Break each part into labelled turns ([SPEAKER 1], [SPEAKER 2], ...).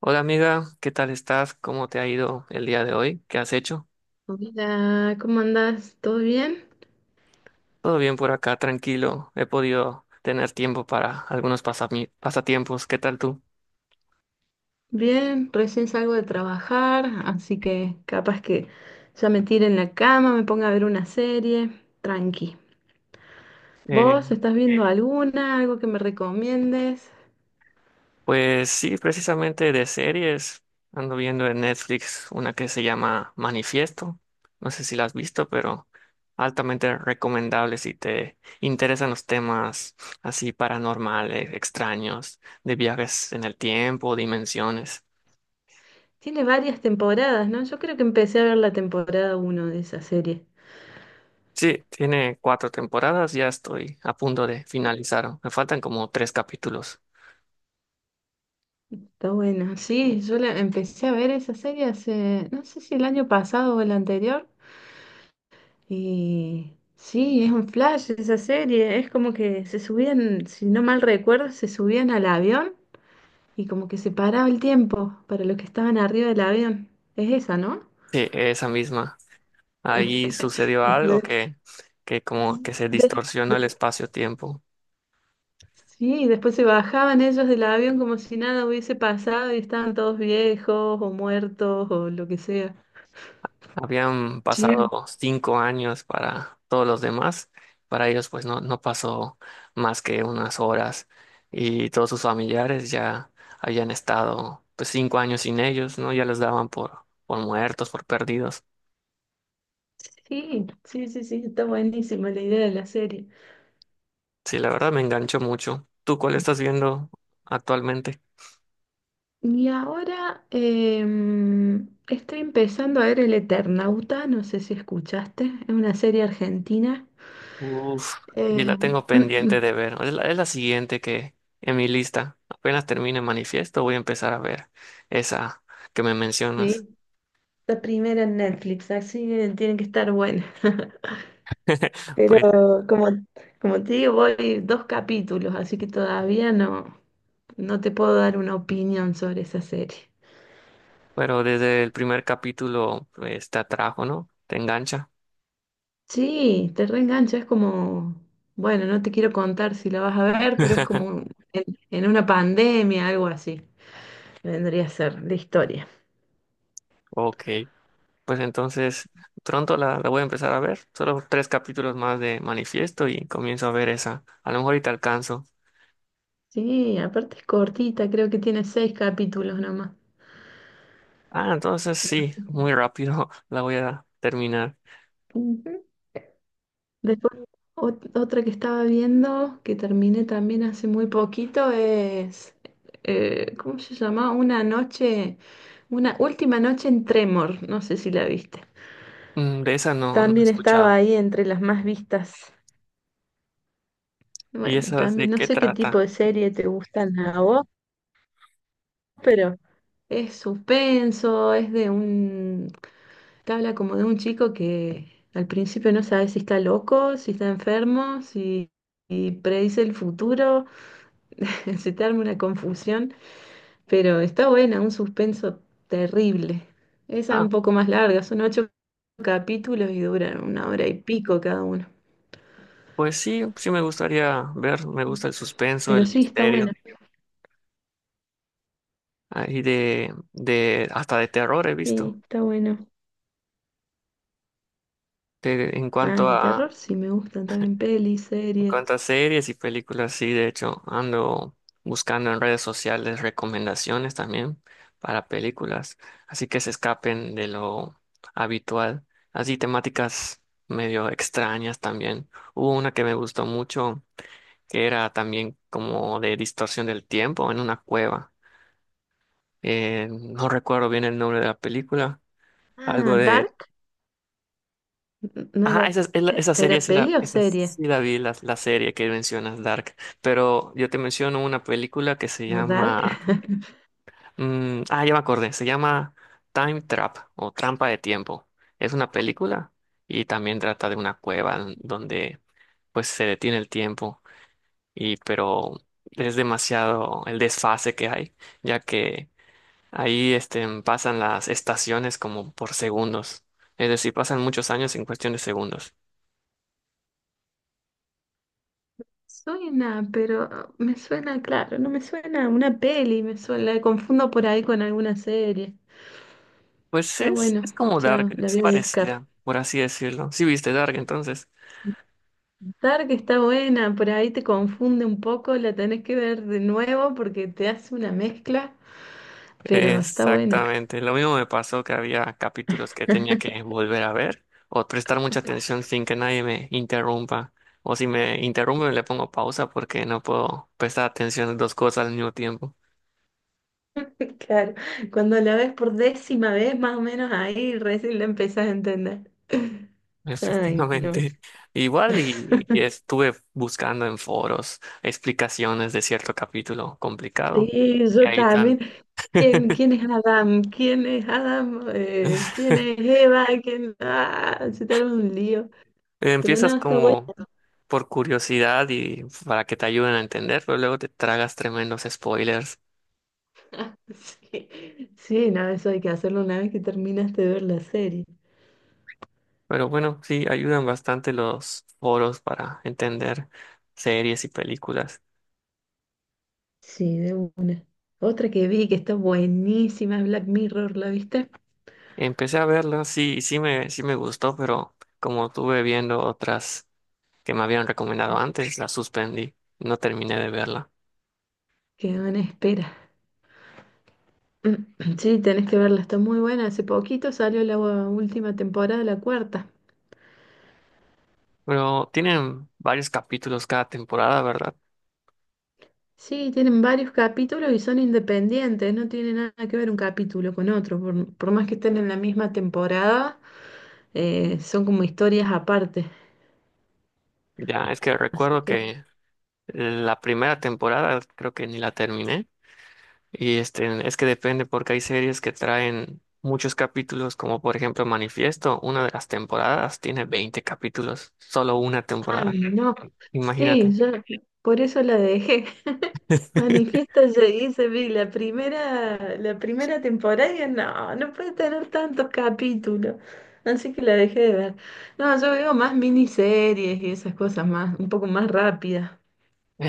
[SPEAKER 1] Hola amiga, ¿qué tal estás? ¿Cómo te ha ido el día de hoy? ¿Qué has hecho?
[SPEAKER 2] Hola, ¿cómo andás? ¿Todo bien?
[SPEAKER 1] Todo bien por acá, tranquilo. He podido tener tiempo para algunos pasatiempos. ¿Qué tal tú?
[SPEAKER 2] Bien, recién salgo de trabajar, así que capaz que ya me tire en la cama, me ponga a ver una serie, tranqui.
[SPEAKER 1] Eh,
[SPEAKER 2] ¿Vos estás viendo alguna, algo que me recomiendes?
[SPEAKER 1] pues sí, precisamente de series. Ando viendo en Netflix una que se llama Manifiesto. No sé si la has visto, pero altamente recomendable si te interesan los temas así paranormales, extraños, de viajes en el tiempo, dimensiones.
[SPEAKER 2] Tiene varias temporadas, ¿no? Yo creo que empecé a ver la temporada uno de esa serie.
[SPEAKER 1] Sí, tiene cuatro temporadas, ya estoy a punto de finalizar. Me faltan como tres capítulos.
[SPEAKER 2] Está buena, sí, yo la empecé a ver esa serie hace, no sé si el año pasado o el anterior. Y sí, es un flash esa serie. Es como que se subían, si no mal recuerdo, se subían al avión y como que se paraba el tiempo para los que estaban arriba del avión. Es esa, ¿no?
[SPEAKER 1] Sí, esa misma. Ahí sucedió algo
[SPEAKER 2] De-
[SPEAKER 1] que, como que se
[SPEAKER 2] de-
[SPEAKER 1] distorsionó el espacio-tiempo.
[SPEAKER 2] sí, después se bajaban ellos del avión como si nada hubiese pasado y estaban todos viejos o muertos o lo que sea.
[SPEAKER 1] Habían
[SPEAKER 2] Sí,
[SPEAKER 1] pasado 5 años para todos los demás. Para ellos, pues no, no pasó más que unas horas. Y todos sus familiares ya habían estado pues 5 años sin ellos, ¿no? Ya los daban por muertos, por perdidos.
[SPEAKER 2] sí, sí, sí, sí, está buenísima la idea de la serie.
[SPEAKER 1] Sí, la verdad me enganchó mucho. ¿Tú cuál estás viendo actualmente?
[SPEAKER 2] Y ahora estoy empezando a ver El Eternauta, no sé si escuchaste, es una serie argentina.
[SPEAKER 1] Uf, y la
[SPEAKER 2] Em,
[SPEAKER 1] tengo pendiente de ver. Es la siguiente que en mi lista. Apenas termine Manifiesto, voy a empezar a ver esa que me mencionas.
[SPEAKER 2] sí, la primera en Netflix, así que tiene que estar buena. Pero
[SPEAKER 1] Pues,
[SPEAKER 2] como, como te digo, voy dos capítulos, así que todavía no te puedo dar una opinión sobre esa serie.
[SPEAKER 1] pero desde el primer capítulo pues, te atrajo, ¿no? Te engancha.
[SPEAKER 2] Sí, te reengancha, es como, bueno, no te quiero contar si la vas a ver, pero es como en una pandemia, algo así. Vendría a ser la historia.
[SPEAKER 1] Ok. Pues entonces pronto la voy a empezar a ver. Solo tres capítulos más de Manifiesto y comienzo a ver esa. A lo mejor y te alcanzo.
[SPEAKER 2] Sí, aparte es cortita, creo que tiene seis capítulos nomás.
[SPEAKER 1] Ah, entonces sí,
[SPEAKER 2] Así que,
[SPEAKER 1] muy rápido la voy a terminar.
[SPEAKER 2] ujú. Después, otra que estaba viendo, que terminé también hace muy poquito, es, ¿cómo se llama? Una noche, una última noche en Tremor, no sé si la viste.
[SPEAKER 1] Mm, de esa no, no he
[SPEAKER 2] También estaba
[SPEAKER 1] escuchado.
[SPEAKER 2] ahí entre las más vistas.
[SPEAKER 1] ¿Y
[SPEAKER 2] Bueno,
[SPEAKER 1] esa
[SPEAKER 2] también
[SPEAKER 1] de
[SPEAKER 2] no
[SPEAKER 1] qué
[SPEAKER 2] sé qué tipo
[SPEAKER 1] trata?
[SPEAKER 2] de serie te gustan a vos, pero es suspenso, es de un te habla como de un chico que al principio no sabe si está loco, si está enfermo, si predice el futuro, se te arma una confusión, pero está buena, un suspenso terrible. Esa es un
[SPEAKER 1] Ah,
[SPEAKER 2] poco más larga, son ocho capítulos y duran una hora y pico cada uno.
[SPEAKER 1] pues sí, sí me gustaría ver, me gusta el suspenso,
[SPEAKER 2] Pero
[SPEAKER 1] el
[SPEAKER 2] sí, está buena,
[SPEAKER 1] misterio, ah, y hasta de terror he visto.
[SPEAKER 2] sí, está bueno.
[SPEAKER 1] De- en
[SPEAKER 2] Ah,
[SPEAKER 1] cuanto
[SPEAKER 2] de
[SPEAKER 1] a,
[SPEAKER 2] terror sí me gustan también pelis,
[SPEAKER 1] En cuanto a
[SPEAKER 2] series.
[SPEAKER 1] series y películas, sí, de hecho, ando buscando en redes sociales recomendaciones también para películas, así que se escapen de lo habitual. Así temáticas medio extrañas también. Hubo una que me gustó mucho, que era también como de distorsión del tiempo en una cueva. No recuerdo bien el nombre de la película, algo
[SPEAKER 2] Ah,
[SPEAKER 1] de...
[SPEAKER 2] Dark, no
[SPEAKER 1] Ah,
[SPEAKER 2] era,
[SPEAKER 1] esa, esa serie
[SPEAKER 2] ¿era
[SPEAKER 1] sí
[SPEAKER 2] peli o
[SPEAKER 1] esa
[SPEAKER 2] serie?
[SPEAKER 1] sí la vi, la serie que mencionas, Dark. Pero yo te menciono una película que se
[SPEAKER 2] Ah, Dark.
[SPEAKER 1] llama. Ah, ya me acordé. Se llama Time Trap o Trampa de Tiempo. Es una película y también trata de una cueva en donde pues se detiene el tiempo. Y pero es demasiado el desfase que hay, ya que ahí pasan las estaciones como por segundos. Es decir, pasan muchos años en cuestión de segundos.
[SPEAKER 2] Suena, pero ah, me suena, claro, no me suena a una peli, me suena, la confundo por ahí con alguna serie.
[SPEAKER 1] Pues
[SPEAKER 2] Está
[SPEAKER 1] es
[SPEAKER 2] bueno,
[SPEAKER 1] como Dark,
[SPEAKER 2] ya la
[SPEAKER 1] es
[SPEAKER 2] voy a buscar.
[SPEAKER 1] parecida, por así decirlo. Sí viste Dark entonces.
[SPEAKER 2] Dark está buena, por ahí te confunde un poco, la tenés que ver de nuevo porque te hace una mezcla, pero está buena.
[SPEAKER 1] Exactamente. Lo mismo me pasó que había capítulos que tenía que volver a ver o prestar mucha atención sin que nadie me interrumpa. O si me interrumpe le pongo pausa porque no puedo prestar atención a dos cosas al mismo tiempo.
[SPEAKER 2] Claro, cuando la ves por décima vez, más o menos ahí recién la empezás a entender. Ay, no.
[SPEAKER 1] Efectivamente. Igual y estuve buscando en foros explicaciones de cierto capítulo complicado.
[SPEAKER 2] Sí,
[SPEAKER 1] Y
[SPEAKER 2] yo
[SPEAKER 1] ahí tal.
[SPEAKER 2] también. ¿Quién, quién es Adam? ¿Quién es Adam? ¿Quién es Eva? ¿Quién? Ah, se te arma un lío. Pero
[SPEAKER 1] Empiezas
[SPEAKER 2] no, está bueno.
[SPEAKER 1] como por curiosidad y para que te ayuden a entender, pero luego te tragas tremendos spoilers.
[SPEAKER 2] Sí, sí, no, eso hay que hacerlo una vez que terminaste de ver la serie.
[SPEAKER 1] Pero bueno, sí, ayudan bastante los foros para entender series y películas.
[SPEAKER 2] Sí, de una. Otra que vi que está buenísima es Black Mirror, ¿la viste?
[SPEAKER 1] Empecé a verlas, sí, sí me gustó, pero como estuve viendo otras que me habían recomendado antes, la suspendí, no terminé de verla.
[SPEAKER 2] Quedó en espera. Sí, tenés que verla, está muy buena. Hace poquito salió la última temporada, la cuarta.
[SPEAKER 1] Pero tienen varios capítulos cada temporada, ¿verdad?
[SPEAKER 2] Sí, tienen varios capítulos y son independientes, no tiene nada que ver un capítulo con otro. Por más que estén en la misma temporada, son como historias aparte.
[SPEAKER 1] Ya, es que
[SPEAKER 2] Así
[SPEAKER 1] recuerdo
[SPEAKER 2] que,
[SPEAKER 1] que la primera temporada creo que ni la terminé. Y es que depende porque hay series que traen muchos capítulos, como por ejemplo Manifiesto, una de las temporadas tiene 20 capítulos, solo una
[SPEAKER 2] ah,
[SPEAKER 1] temporada.
[SPEAKER 2] no, sí,
[SPEAKER 1] Imagínate.
[SPEAKER 2] yo por eso la dejé. Manifiesta llegué, se vi la primera temporada y dije, no, no puede tener tantos capítulos. Así que la dejé de ver. No, yo veo más miniseries y esas cosas más, un poco más rápidas.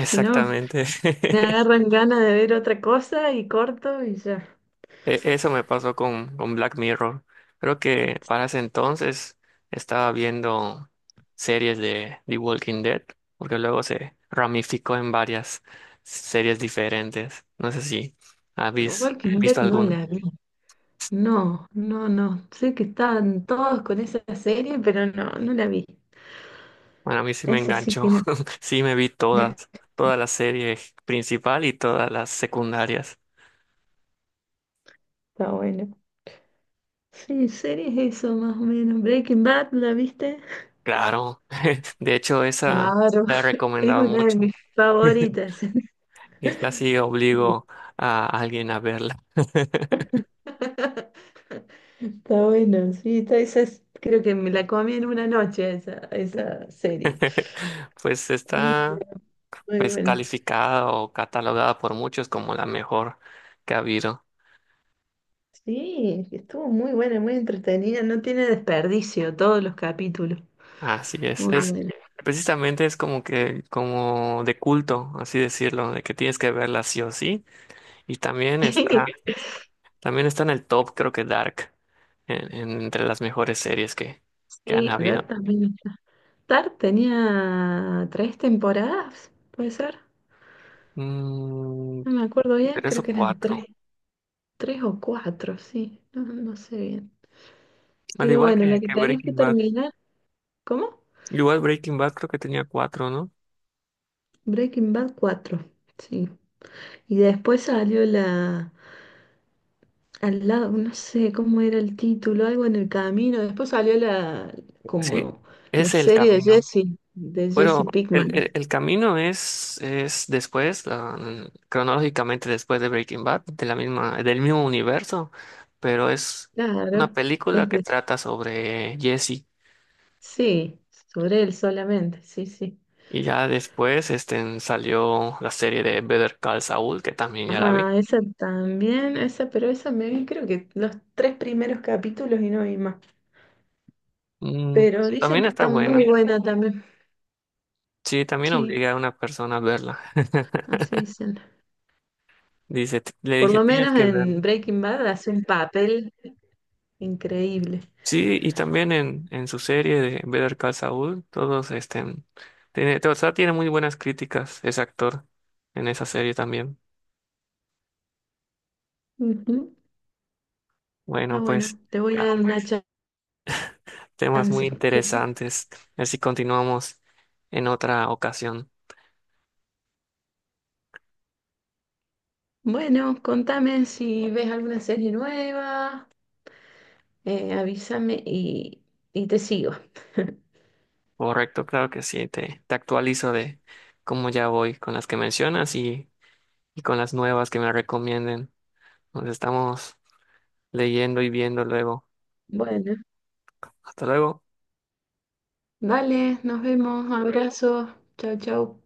[SPEAKER 2] Si no. Me agarran ganas de ver otra cosa y corto y ya.
[SPEAKER 1] Eso me pasó con Black Mirror. Creo que para ese entonces estaba viendo series de The Walking Dead, porque luego se ramificó en varias series diferentes. No sé si
[SPEAKER 2] Bueno,
[SPEAKER 1] habéis
[SPEAKER 2] Walking Dead
[SPEAKER 1] visto
[SPEAKER 2] no
[SPEAKER 1] alguna.
[SPEAKER 2] la vi. No, no, no. Sé que estaban todos con esa serie, pero no, no la vi.
[SPEAKER 1] Bueno, a mí sí me
[SPEAKER 2] Esa sí
[SPEAKER 1] enganchó.
[SPEAKER 2] que no.
[SPEAKER 1] Sí, me vi toda la serie principal y todas las secundarias.
[SPEAKER 2] Está bueno. Sí, series eso más o menos. Breaking Bad, ¿la viste?
[SPEAKER 1] Claro. De hecho, esa
[SPEAKER 2] Claro,
[SPEAKER 1] la he
[SPEAKER 2] es
[SPEAKER 1] recomendado
[SPEAKER 2] una de
[SPEAKER 1] mucho.
[SPEAKER 2] mis favoritas.
[SPEAKER 1] Y casi obligo a alguien a verla.
[SPEAKER 2] Está bueno, sí, está, creo que me la comí en una noche esa serie.
[SPEAKER 1] Pues
[SPEAKER 2] Sí,
[SPEAKER 1] está
[SPEAKER 2] muy
[SPEAKER 1] pues
[SPEAKER 2] buena.
[SPEAKER 1] calificada o catalogada por muchos como la mejor que ha habido.
[SPEAKER 2] Sí, estuvo muy buena, muy entretenida, no tiene desperdicio todos los capítulos.
[SPEAKER 1] Así es.
[SPEAKER 2] Muy, ah,
[SPEAKER 1] Es
[SPEAKER 2] buena.
[SPEAKER 1] precisamente es como que como de culto, así decirlo, de que tienes que verla sí o sí. Y también está. También está en el top, creo que Dark, entre las mejores series que han
[SPEAKER 2] Sí, Dark
[SPEAKER 1] habido.
[SPEAKER 2] también está. Dark tenía tres temporadas, puede ser.
[SPEAKER 1] Mm,
[SPEAKER 2] No me acuerdo bien,
[SPEAKER 1] tres
[SPEAKER 2] creo
[SPEAKER 1] o
[SPEAKER 2] que eran tres,
[SPEAKER 1] cuatro.
[SPEAKER 2] tres o cuatro, sí, no, no sé bien.
[SPEAKER 1] Al
[SPEAKER 2] Pero
[SPEAKER 1] igual
[SPEAKER 2] bueno,
[SPEAKER 1] que,
[SPEAKER 2] la que
[SPEAKER 1] que
[SPEAKER 2] tenés que
[SPEAKER 1] Breaking Bad.
[SPEAKER 2] terminar, ¿cómo?
[SPEAKER 1] Igual Breaking Bad creo que tenía cuatro, ¿no?
[SPEAKER 2] Breaking Bad 4. Sí. Y después salió la. Al lado, no sé cómo era el título, algo en el camino. Después salió la,
[SPEAKER 1] Sí,
[SPEAKER 2] como la
[SPEAKER 1] es el
[SPEAKER 2] serie
[SPEAKER 1] camino.
[SPEAKER 2] De Jesse
[SPEAKER 1] Bueno, el,
[SPEAKER 2] Pinkman.
[SPEAKER 1] el- el camino es después, ah, mm, cronológicamente después de Breaking Bad, de la misma, del mismo universo, pero es una
[SPEAKER 2] Claro,
[SPEAKER 1] película
[SPEAKER 2] es
[SPEAKER 1] que
[SPEAKER 2] de-
[SPEAKER 1] trata sobre Jesse.
[SPEAKER 2] sí, sobre él solamente, sí, sí.
[SPEAKER 1] Y ya después salió la serie de Better Call Saul, que también ya la vi.
[SPEAKER 2] Ah, esa también, esa, pero esa me vi creo que los tres primeros capítulos y no vi más.
[SPEAKER 1] Mm,
[SPEAKER 2] Pero
[SPEAKER 1] pues,
[SPEAKER 2] dicen
[SPEAKER 1] también
[SPEAKER 2] que
[SPEAKER 1] está
[SPEAKER 2] está muy
[SPEAKER 1] buena.
[SPEAKER 2] buena también.
[SPEAKER 1] Sí, también
[SPEAKER 2] Sí,
[SPEAKER 1] obliga a una persona a verla.
[SPEAKER 2] así dicen.
[SPEAKER 1] Dice, le
[SPEAKER 2] Por
[SPEAKER 1] dije,
[SPEAKER 2] lo
[SPEAKER 1] tienes
[SPEAKER 2] menos
[SPEAKER 1] que
[SPEAKER 2] en
[SPEAKER 1] verlo.
[SPEAKER 2] Breaking Bad hace un papel increíble.
[SPEAKER 1] Sí, y también en su serie de Better Call Saul, todos tiene, o sea, tiene muy buenas críticas ese actor en esa serie también.
[SPEAKER 2] Ujú. Ah,
[SPEAKER 1] Bueno, pues
[SPEAKER 2] bueno, te voy a
[SPEAKER 1] ah,
[SPEAKER 2] dar una
[SPEAKER 1] temas
[SPEAKER 2] chance.
[SPEAKER 1] muy interesantes. A ver si continuamos en otra ocasión.
[SPEAKER 2] Bueno, contame si ves alguna serie nueva, avísame y te sigo.
[SPEAKER 1] Correcto, claro que sí. Te actualizo de cómo ya voy con las que mencionas y, con las nuevas que me recomienden. Nos estamos leyendo y viendo luego.
[SPEAKER 2] Bueno,
[SPEAKER 1] Hasta luego.
[SPEAKER 2] vale, nos vemos, abrazos, chao, chao.